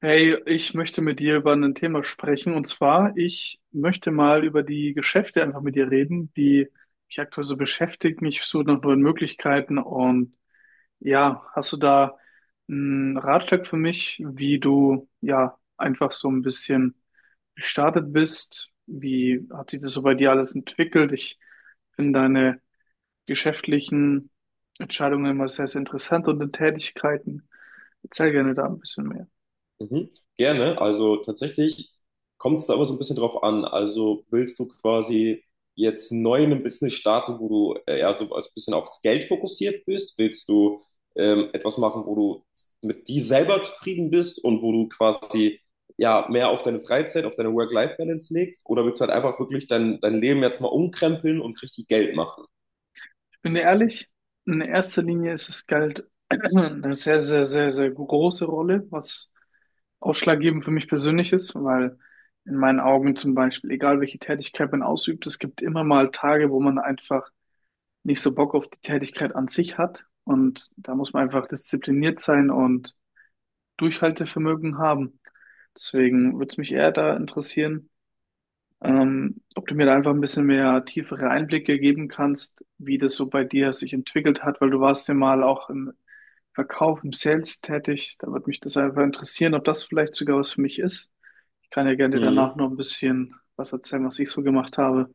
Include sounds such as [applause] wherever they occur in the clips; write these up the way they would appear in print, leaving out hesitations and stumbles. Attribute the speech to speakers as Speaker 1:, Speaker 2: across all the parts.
Speaker 1: Hey, ich möchte mit dir über ein Thema sprechen. Und zwar, ich möchte mal über die Geschäfte einfach mit dir reden, die mich aktuell so beschäftigen. Ich suche nach neuen Möglichkeiten. Und ja, hast du da einen Ratschlag für mich, wie du ja einfach so ein bisschen gestartet bist? Wie hat sich das so bei dir alles entwickelt? Ich finde deine geschäftlichen Entscheidungen immer sehr, sehr interessant und deine Tätigkeiten. Erzähl gerne da ein bisschen mehr.
Speaker 2: Mhm. Gerne. Also tatsächlich kommt es da immer so ein bisschen drauf an. Also willst du quasi jetzt neu in einem Business starten, wo du eher so ein bisschen aufs Geld fokussiert bist? Willst du etwas machen, wo du mit dir selber zufrieden bist und wo du quasi ja mehr auf deine Freizeit, auf deine Work-Life-Balance legst? Oder willst du halt einfach wirklich dein Leben jetzt mal umkrempeln und richtig Geld machen?
Speaker 1: Bin dir ehrlich, in erster Linie ist es Geld [clears throat] eine sehr, sehr, sehr, sehr große Rolle, was ausschlaggebend für mich persönlich ist, weil in meinen Augen zum Beispiel, egal welche Tätigkeit man ausübt, es gibt immer mal Tage, wo man einfach nicht so Bock auf die Tätigkeit an sich hat. Und da muss man einfach diszipliniert sein und Durchhaltevermögen haben. Deswegen würde es mich eher da interessieren, ob du mir da einfach ein bisschen mehr tiefere Einblicke geben kannst, wie das so bei dir sich entwickelt hat, weil du warst ja mal auch im Verkauf, im Sales tätig. Da würde mich das einfach interessieren, ob das vielleicht sogar was für mich ist. Ich kann ja gerne danach
Speaker 2: Mhm.
Speaker 1: noch ein bisschen was erzählen, was ich so gemacht habe.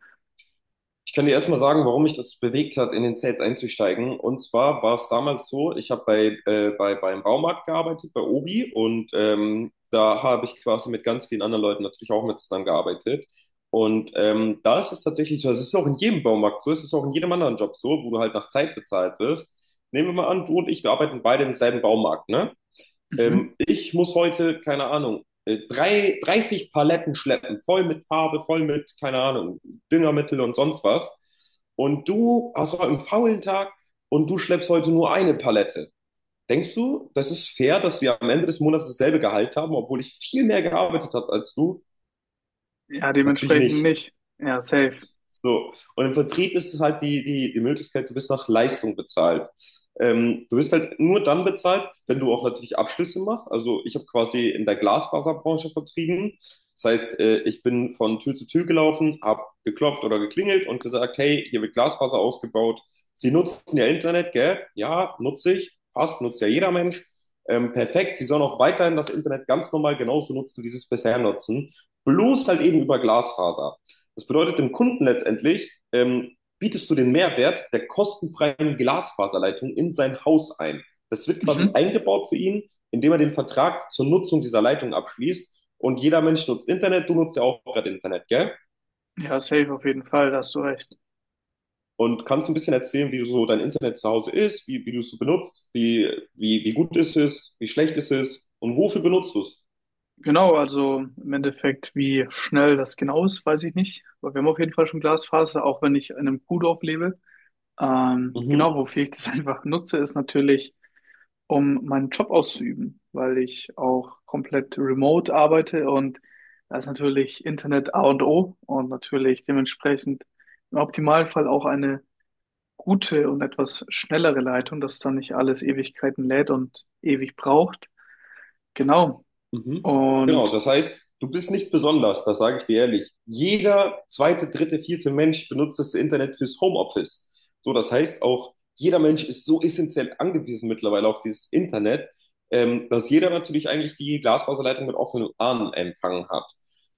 Speaker 2: Ich kann dir erstmal sagen, warum mich das bewegt hat, in den Sales einzusteigen. Und zwar war es damals so, ich habe beim Baumarkt gearbeitet, bei Obi, und da habe ich quasi mit ganz vielen anderen Leuten natürlich auch mit zusammengearbeitet. Und da ist es tatsächlich so, es ist auch in jedem Baumarkt so, es ist auch in jedem anderen Job so, wo du halt nach Zeit bezahlt wirst. Nehmen wir mal an, du und ich, wir arbeiten beide im selben Baumarkt, ne?
Speaker 1: Mhm.
Speaker 2: Ich muss heute, keine Ahnung, 30 Paletten schleppen, voll mit Farbe, voll mit, keine Ahnung, Düngermittel und sonst was. Und du hast heute einen faulen Tag und du schleppst heute nur eine Palette. Denkst du, das ist fair, dass wir am Ende des Monats dasselbe Gehalt haben, obwohl ich viel mehr gearbeitet habe als du?
Speaker 1: Ja,
Speaker 2: Natürlich
Speaker 1: dementsprechend
Speaker 2: nicht.
Speaker 1: nicht. Ja, safe.
Speaker 2: So, und im Vertrieb ist es halt die Möglichkeit, du bist nach Leistung bezahlt. Du wirst halt nur dann bezahlt, wenn du auch natürlich Abschlüsse machst. Also ich habe quasi in der Glasfaserbranche vertrieben. Das heißt, ich bin von Tür zu Tür gelaufen, habe geklopft oder geklingelt und gesagt, hey, hier wird Glasfaser ausgebaut. Sie nutzen ja Internet, gell? Ja, nutze ich. Passt, nutzt ja jeder Mensch. Perfekt, Sie sollen auch weiterhin das Internet ganz normal genauso nutzen, wie Sie es bisher nutzen. Bloß halt eben über Glasfaser. Das bedeutet dem Kunden letztendlich, bietest du den Mehrwert der kostenfreien Glasfaserleitung in sein Haus ein. Das wird quasi
Speaker 1: Mhm.
Speaker 2: eingebaut für ihn, indem er den Vertrag zur Nutzung dieser Leitung abschließt. Und jeder Mensch nutzt Internet, du nutzt ja auch gerade Internet, gell?
Speaker 1: Ja, safe auf jeden Fall, da hast du recht.
Speaker 2: Und kannst ein bisschen erzählen, wie so dein Internet zu Hause ist, wie du es so benutzt, wie gut ist es, wie schlecht ist es und wofür benutzt du es?
Speaker 1: Genau, also im Endeffekt, wie schnell das genau ist, weiß ich nicht. Aber wir haben auf jeden Fall schon Glasfaser, auch wenn ich in einem Kuhdorf lebe. Genau,
Speaker 2: Mhm.
Speaker 1: wofür ich das [laughs] einfach nutze, ist natürlich, um meinen Job auszuüben, weil ich auch komplett remote arbeite und da ist natürlich Internet A und O und natürlich dementsprechend im Optimalfall auch eine gute und etwas schnellere Leitung, dass dann nicht alles Ewigkeiten lädt und ewig braucht. Genau.
Speaker 2: Mhm. Genau,
Speaker 1: Und
Speaker 2: das heißt, du bist nicht besonders, das sage ich dir ehrlich. Jeder zweite, dritte, vierte Mensch benutzt das Internet fürs Homeoffice. So, das heißt auch, jeder Mensch ist so essentiell angewiesen mittlerweile auf dieses Internet, dass jeder natürlich eigentlich die Glasfaserleitung mit offenen Armen empfangen hat.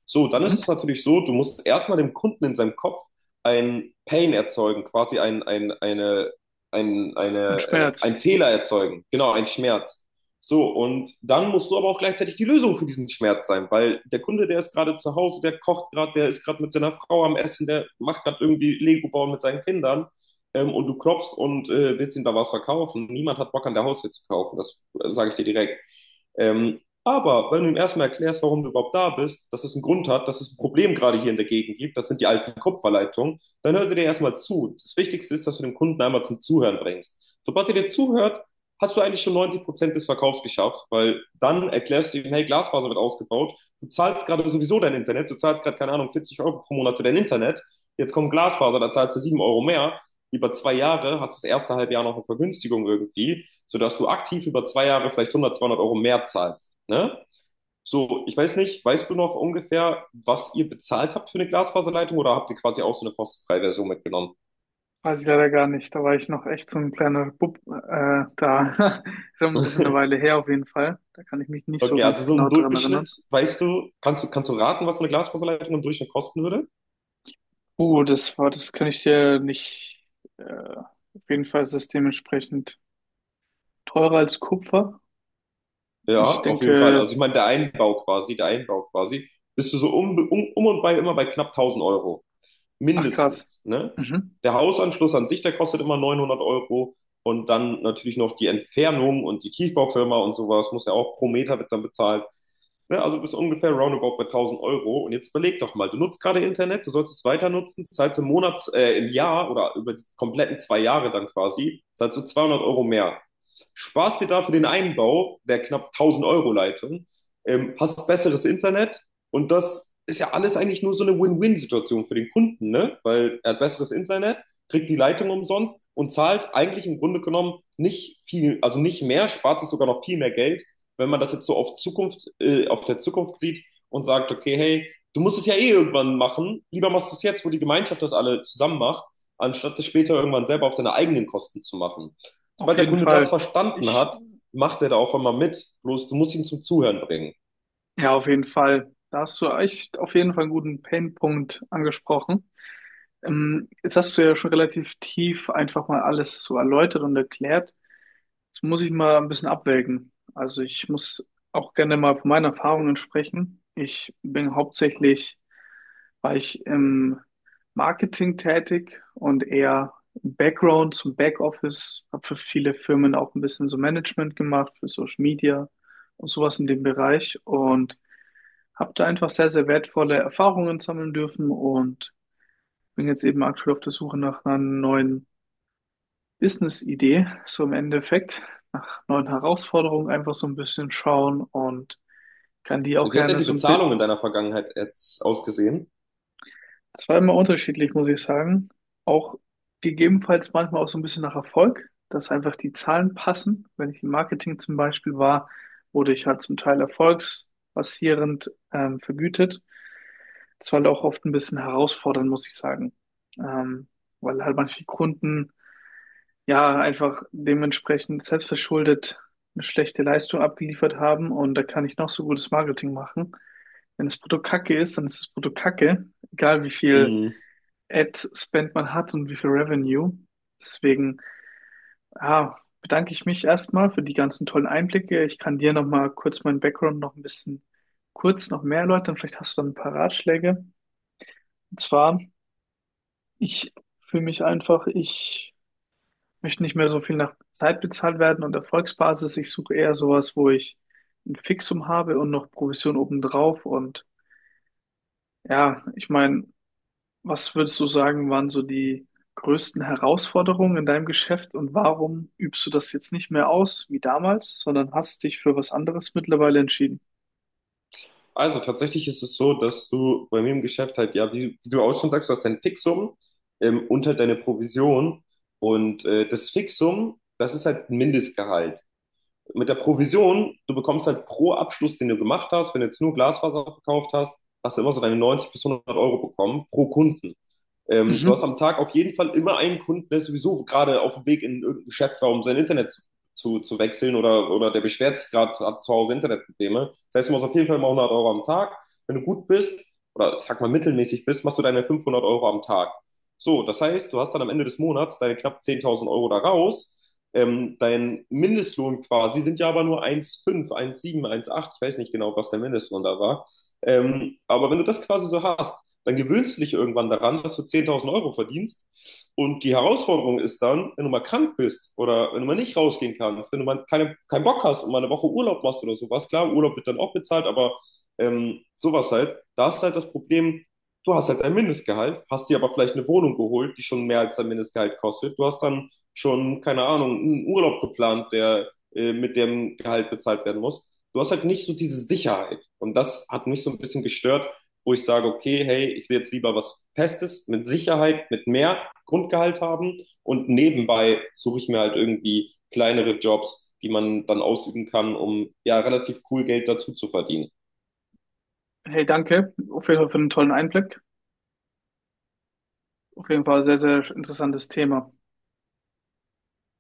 Speaker 2: So, dann ist es
Speaker 1: mhm.
Speaker 2: natürlich so, du musst erstmal dem Kunden in seinem Kopf ein Pain erzeugen, quasi ein, ein, eine, ein,
Speaker 1: Und
Speaker 2: eine, äh,
Speaker 1: Schmerz.
Speaker 2: ein Fehler erzeugen, genau, ein Schmerz. So, und dann musst du aber auch gleichzeitig die Lösung für diesen Schmerz sein, weil der Kunde, der ist gerade zu Hause, der kocht gerade, der ist gerade mit seiner Frau am Essen, der macht gerade irgendwie Lego bauen mit seinen Kindern, und du klopfst und willst ihm da was verkaufen. Niemand hat Bock an der Haustür zu kaufen, das sage ich dir direkt. Aber wenn du ihm erstmal erklärst, warum du überhaupt da bist, dass es einen Grund hat, dass es ein Problem gerade hier in der Gegend gibt, das sind die alten Kupferleitungen, dann hört er dir erstmal zu. Das Wichtigste ist, dass du den Kunden einmal zum Zuhören bringst. Sobald er dir zuhört, hast du eigentlich schon 90% des Verkaufs geschafft, weil dann erklärst du ihm, hey, Glasfaser wird ausgebaut, du zahlst gerade sowieso dein Internet, du zahlst gerade, keine Ahnung, 40 Euro pro Monat für dein Internet, jetzt kommt Glasfaser, da zahlst du 7 Euro mehr, über 2 Jahre hast du das erste halbe Jahr noch eine Vergünstigung irgendwie, sodass du aktiv über 2 Jahre vielleicht 100, 200 Euro mehr zahlst, ne? So, ich weiß nicht, weißt du noch ungefähr, was ihr bezahlt habt für eine Glasfaserleitung oder habt ihr quasi auch so eine kostenfreie Version mitgenommen?
Speaker 1: Weiß ich leider gar nicht. Da war ich noch echt so ein kleiner Bub da. [laughs] Schon ein bisschen eine
Speaker 2: [laughs]
Speaker 1: Weile her auf jeden Fall. Da kann ich mich nicht so
Speaker 2: Okay, also
Speaker 1: ganz
Speaker 2: so im
Speaker 1: genau dran erinnern.
Speaker 2: Durchschnitt, weißt du, kannst du, kannst du raten, was so eine Glasfaserleitung im Durchschnitt kosten würde?
Speaker 1: Das war, das kann ich dir nicht. Auf jeden Fall ist es dementsprechend teurer als Kupfer. Ich
Speaker 2: Ja, auf jeden Fall. Also
Speaker 1: denke,
Speaker 2: ich meine, der Einbau quasi, bist du so um und bei immer bei knapp 1.000 Euro.
Speaker 1: ach krass.
Speaker 2: Mindestens, ne?
Speaker 1: Mhm.
Speaker 2: Der Hausanschluss an sich, der kostet immer 900 Euro. Und dann natürlich noch die Entfernung und die Tiefbaufirma und sowas muss ja auch pro Meter wird dann bezahlt. Ne, also bist ungefähr roundabout bei 1000 Euro. Und jetzt überleg doch mal, du nutzt gerade Internet, du sollst es weiter nutzen, zahlst im Jahr oder über die kompletten 2 Jahre dann quasi, zahlst du 200 Euro mehr. Sparst dir dafür den Einbau der knapp 1000 Euro Leitung, hast besseres Internet und das ist ja alles eigentlich nur so eine Win-Win-Situation für den Kunden, ne? Weil er hat besseres Internet, kriegt die Leitung umsonst und zahlt eigentlich im Grunde genommen nicht viel, also nicht mehr, spart sich sogar noch viel mehr Geld, wenn man das jetzt so auf der Zukunft sieht und sagt, okay, hey, du musst es ja eh irgendwann machen, lieber machst du es jetzt, wo die Gemeinschaft das alle zusammen macht, anstatt es später irgendwann selber auf deine eigenen Kosten zu machen.
Speaker 1: Auf
Speaker 2: Sobald der
Speaker 1: jeden
Speaker 2: Kunde das
Speaker 1: Fall.
Speaker 2: verstanden
Speaker 1: Ich,
Speaker 2: hat, macht er da auch immer mit. Bloß du musst ihn zum Zuhören bringen.
Speaker 1: ja, auf jeden Fall. Da hast du echt auf jeden Fall einen guten Painpunkt angesprochen. Jetzt hast du ja schon relativ tief einfach mal alles so erläutert und erklärt. Das muss ich mal ein bisschen abwägen. Also ich muss auch gerne mal von meinen Erfahrungen sprechen. Ich bin hauptsächlich, war ich im Marketing tätig und eher im Background zum Backoffice, habe für viele Firmen auch ein bisschen so Management gemacht, für Social Media und sowas in dem Bereich und habe da einfach sehr, sehr wertvolle Erfahrungen sammeln dürfen und bin jetzt eben aktuell auf der Suche nach einer neuen Business-Idee, so im Endeffekt, nach neuen Herausforderungen einfach so ein bisschen schauen und kann die auch
Speaker 2: Wie hat denn
Speaker 1: gerne
Speaker 2: die
Speaker 1: so ein bisschen,
Speaker 2: Bezahlung in deiner Vergangenheit jetzt ausgesehen?
Speaker 1: zweimal unterschiedlich, muss ich sagen, auch gegebenenfalls manchmal auch so ein bisschen nach Erfolg, dass einfach die Zahlen passen. Wenn ich im Marketing zum Beispiel war, wurde ich halt zum Teil erfolgsbasierend vergütet. Das war halt auch oft ein bisschen herausfordernd, muss ich sagen, ähm, weil halt manche Kunden ja, einfach dementsprechend selbstverschuldet eine schlechte Leistung abgeliefert haben und da kann ich noch so gutes Marketing machen. Wenn das Produkt kacke ist, dann ist das Produkt kacke, egal wie viel
Speaker 2: Mhm.
Speaker 1: Ad-Spend man hat und wie viel Revenue. Deswegen, ja, bedanke ich mich erstmal für die ganzen tollen Einblicke. Ich kann dir nochmal kurz meinen Background noch ein bisschen kurz noch mehr erläutern. Vielleicht hast du dann ein paar Ratschläge. Und zwar, ich fühle mich einfach, ich möchte nicht mehr so viel nach Zeit bezahlt werden und Erfolgsbasis. Ich suche eher sowas, wo ich ein Fixum habe und noch Provision obendrauf. Und ja, ich meine, was würdest du sagen, waren so die größten Herausforderungen in deinem Geschäft und warum übst du das jetzt nicht mehr aus wie damals, sondern hast dich für was anderes mittlerweile entschieden?
Speaker 2: Also tatsächlich ist es so, dass du bei mir im Geschäft halt, ja, wie du auch schon sagst, du hast dein Fixum, und halt deine Provision. Und das Fixum, das ist halt ein Mindestgehalt. Mit der Provision, du bekommst halt pro Abschluss, den du gemacht hast, wenn du jetzt nur Glasfaser verkauft hast, hast du immer so deine 90 bis 100 Euro bekommen pro Kunden. Du
Speaker 1: Mhm.
Speaker 2: hast am Tag auf jeden Fall immer einen Kunden, der sowieso gerade auf dem Weg in irgendein Geschäft war, um sein Internet zu wechseln oder der beschwert sich gerade, hat zu Hause Internetprobleme. Das heißt, du machst auf jeden Fall mal 100 Euro am Tag. Wenn du gut bist oder ich sag mal mittelmäßig bist, machst du deine 500 Euro am Tag. So, das heißt, du hast dann am Ende des Monats deine knapp 10.000 Euro da raus. Dein Mindestlohn quasi sind ja aber nur 1,5, 1,7, 1,8. Ich weiß nicht genau, was der Mindestlohn da war. Aber wenn du das quasi so hast, dann gewöhnst du dich irgendwann daran, dass du 10.000 Euro verdienst. Und die Herausforderung ist dann, wenn du mal krank bist oder wenn du mal nicht rausgehen kannst, wenn du mal keinen Bock hast und mal eine Woche Urlaub machst oder sowas. Klar, Urlaub wird dann auch bezahlt, aber sowas halt. Da ist halt das Problem, du hast halt ein Mindestgehalt, hast dir aber vielleicht eine Wohnung geholt, die schon mehr als dein Mindestgehalt kostet. Du hast dann schon, keine Ahnung, einen Urlaub geplant, der mit dem Gehalt bezahlt werden muss. Du hast halt nicht so diese Sicherheit. Und das hat mich so ein bisschen gestört, wo ich sage, okay, hey, ich will jetzt lieber was Festes, mit Sicherheit, mit mehr Grundgehalt haben und nebenbei suche ich mir halt irgendwie kleinere Jobs, die man dann ausüben kann, um ja relativ cool Geld dazu zu verdienen.
Speaker 1: Hey, danke auf jeden Fall für den tollen Einblick. Auf jeden Fall sehr, sehr interessantes Thema.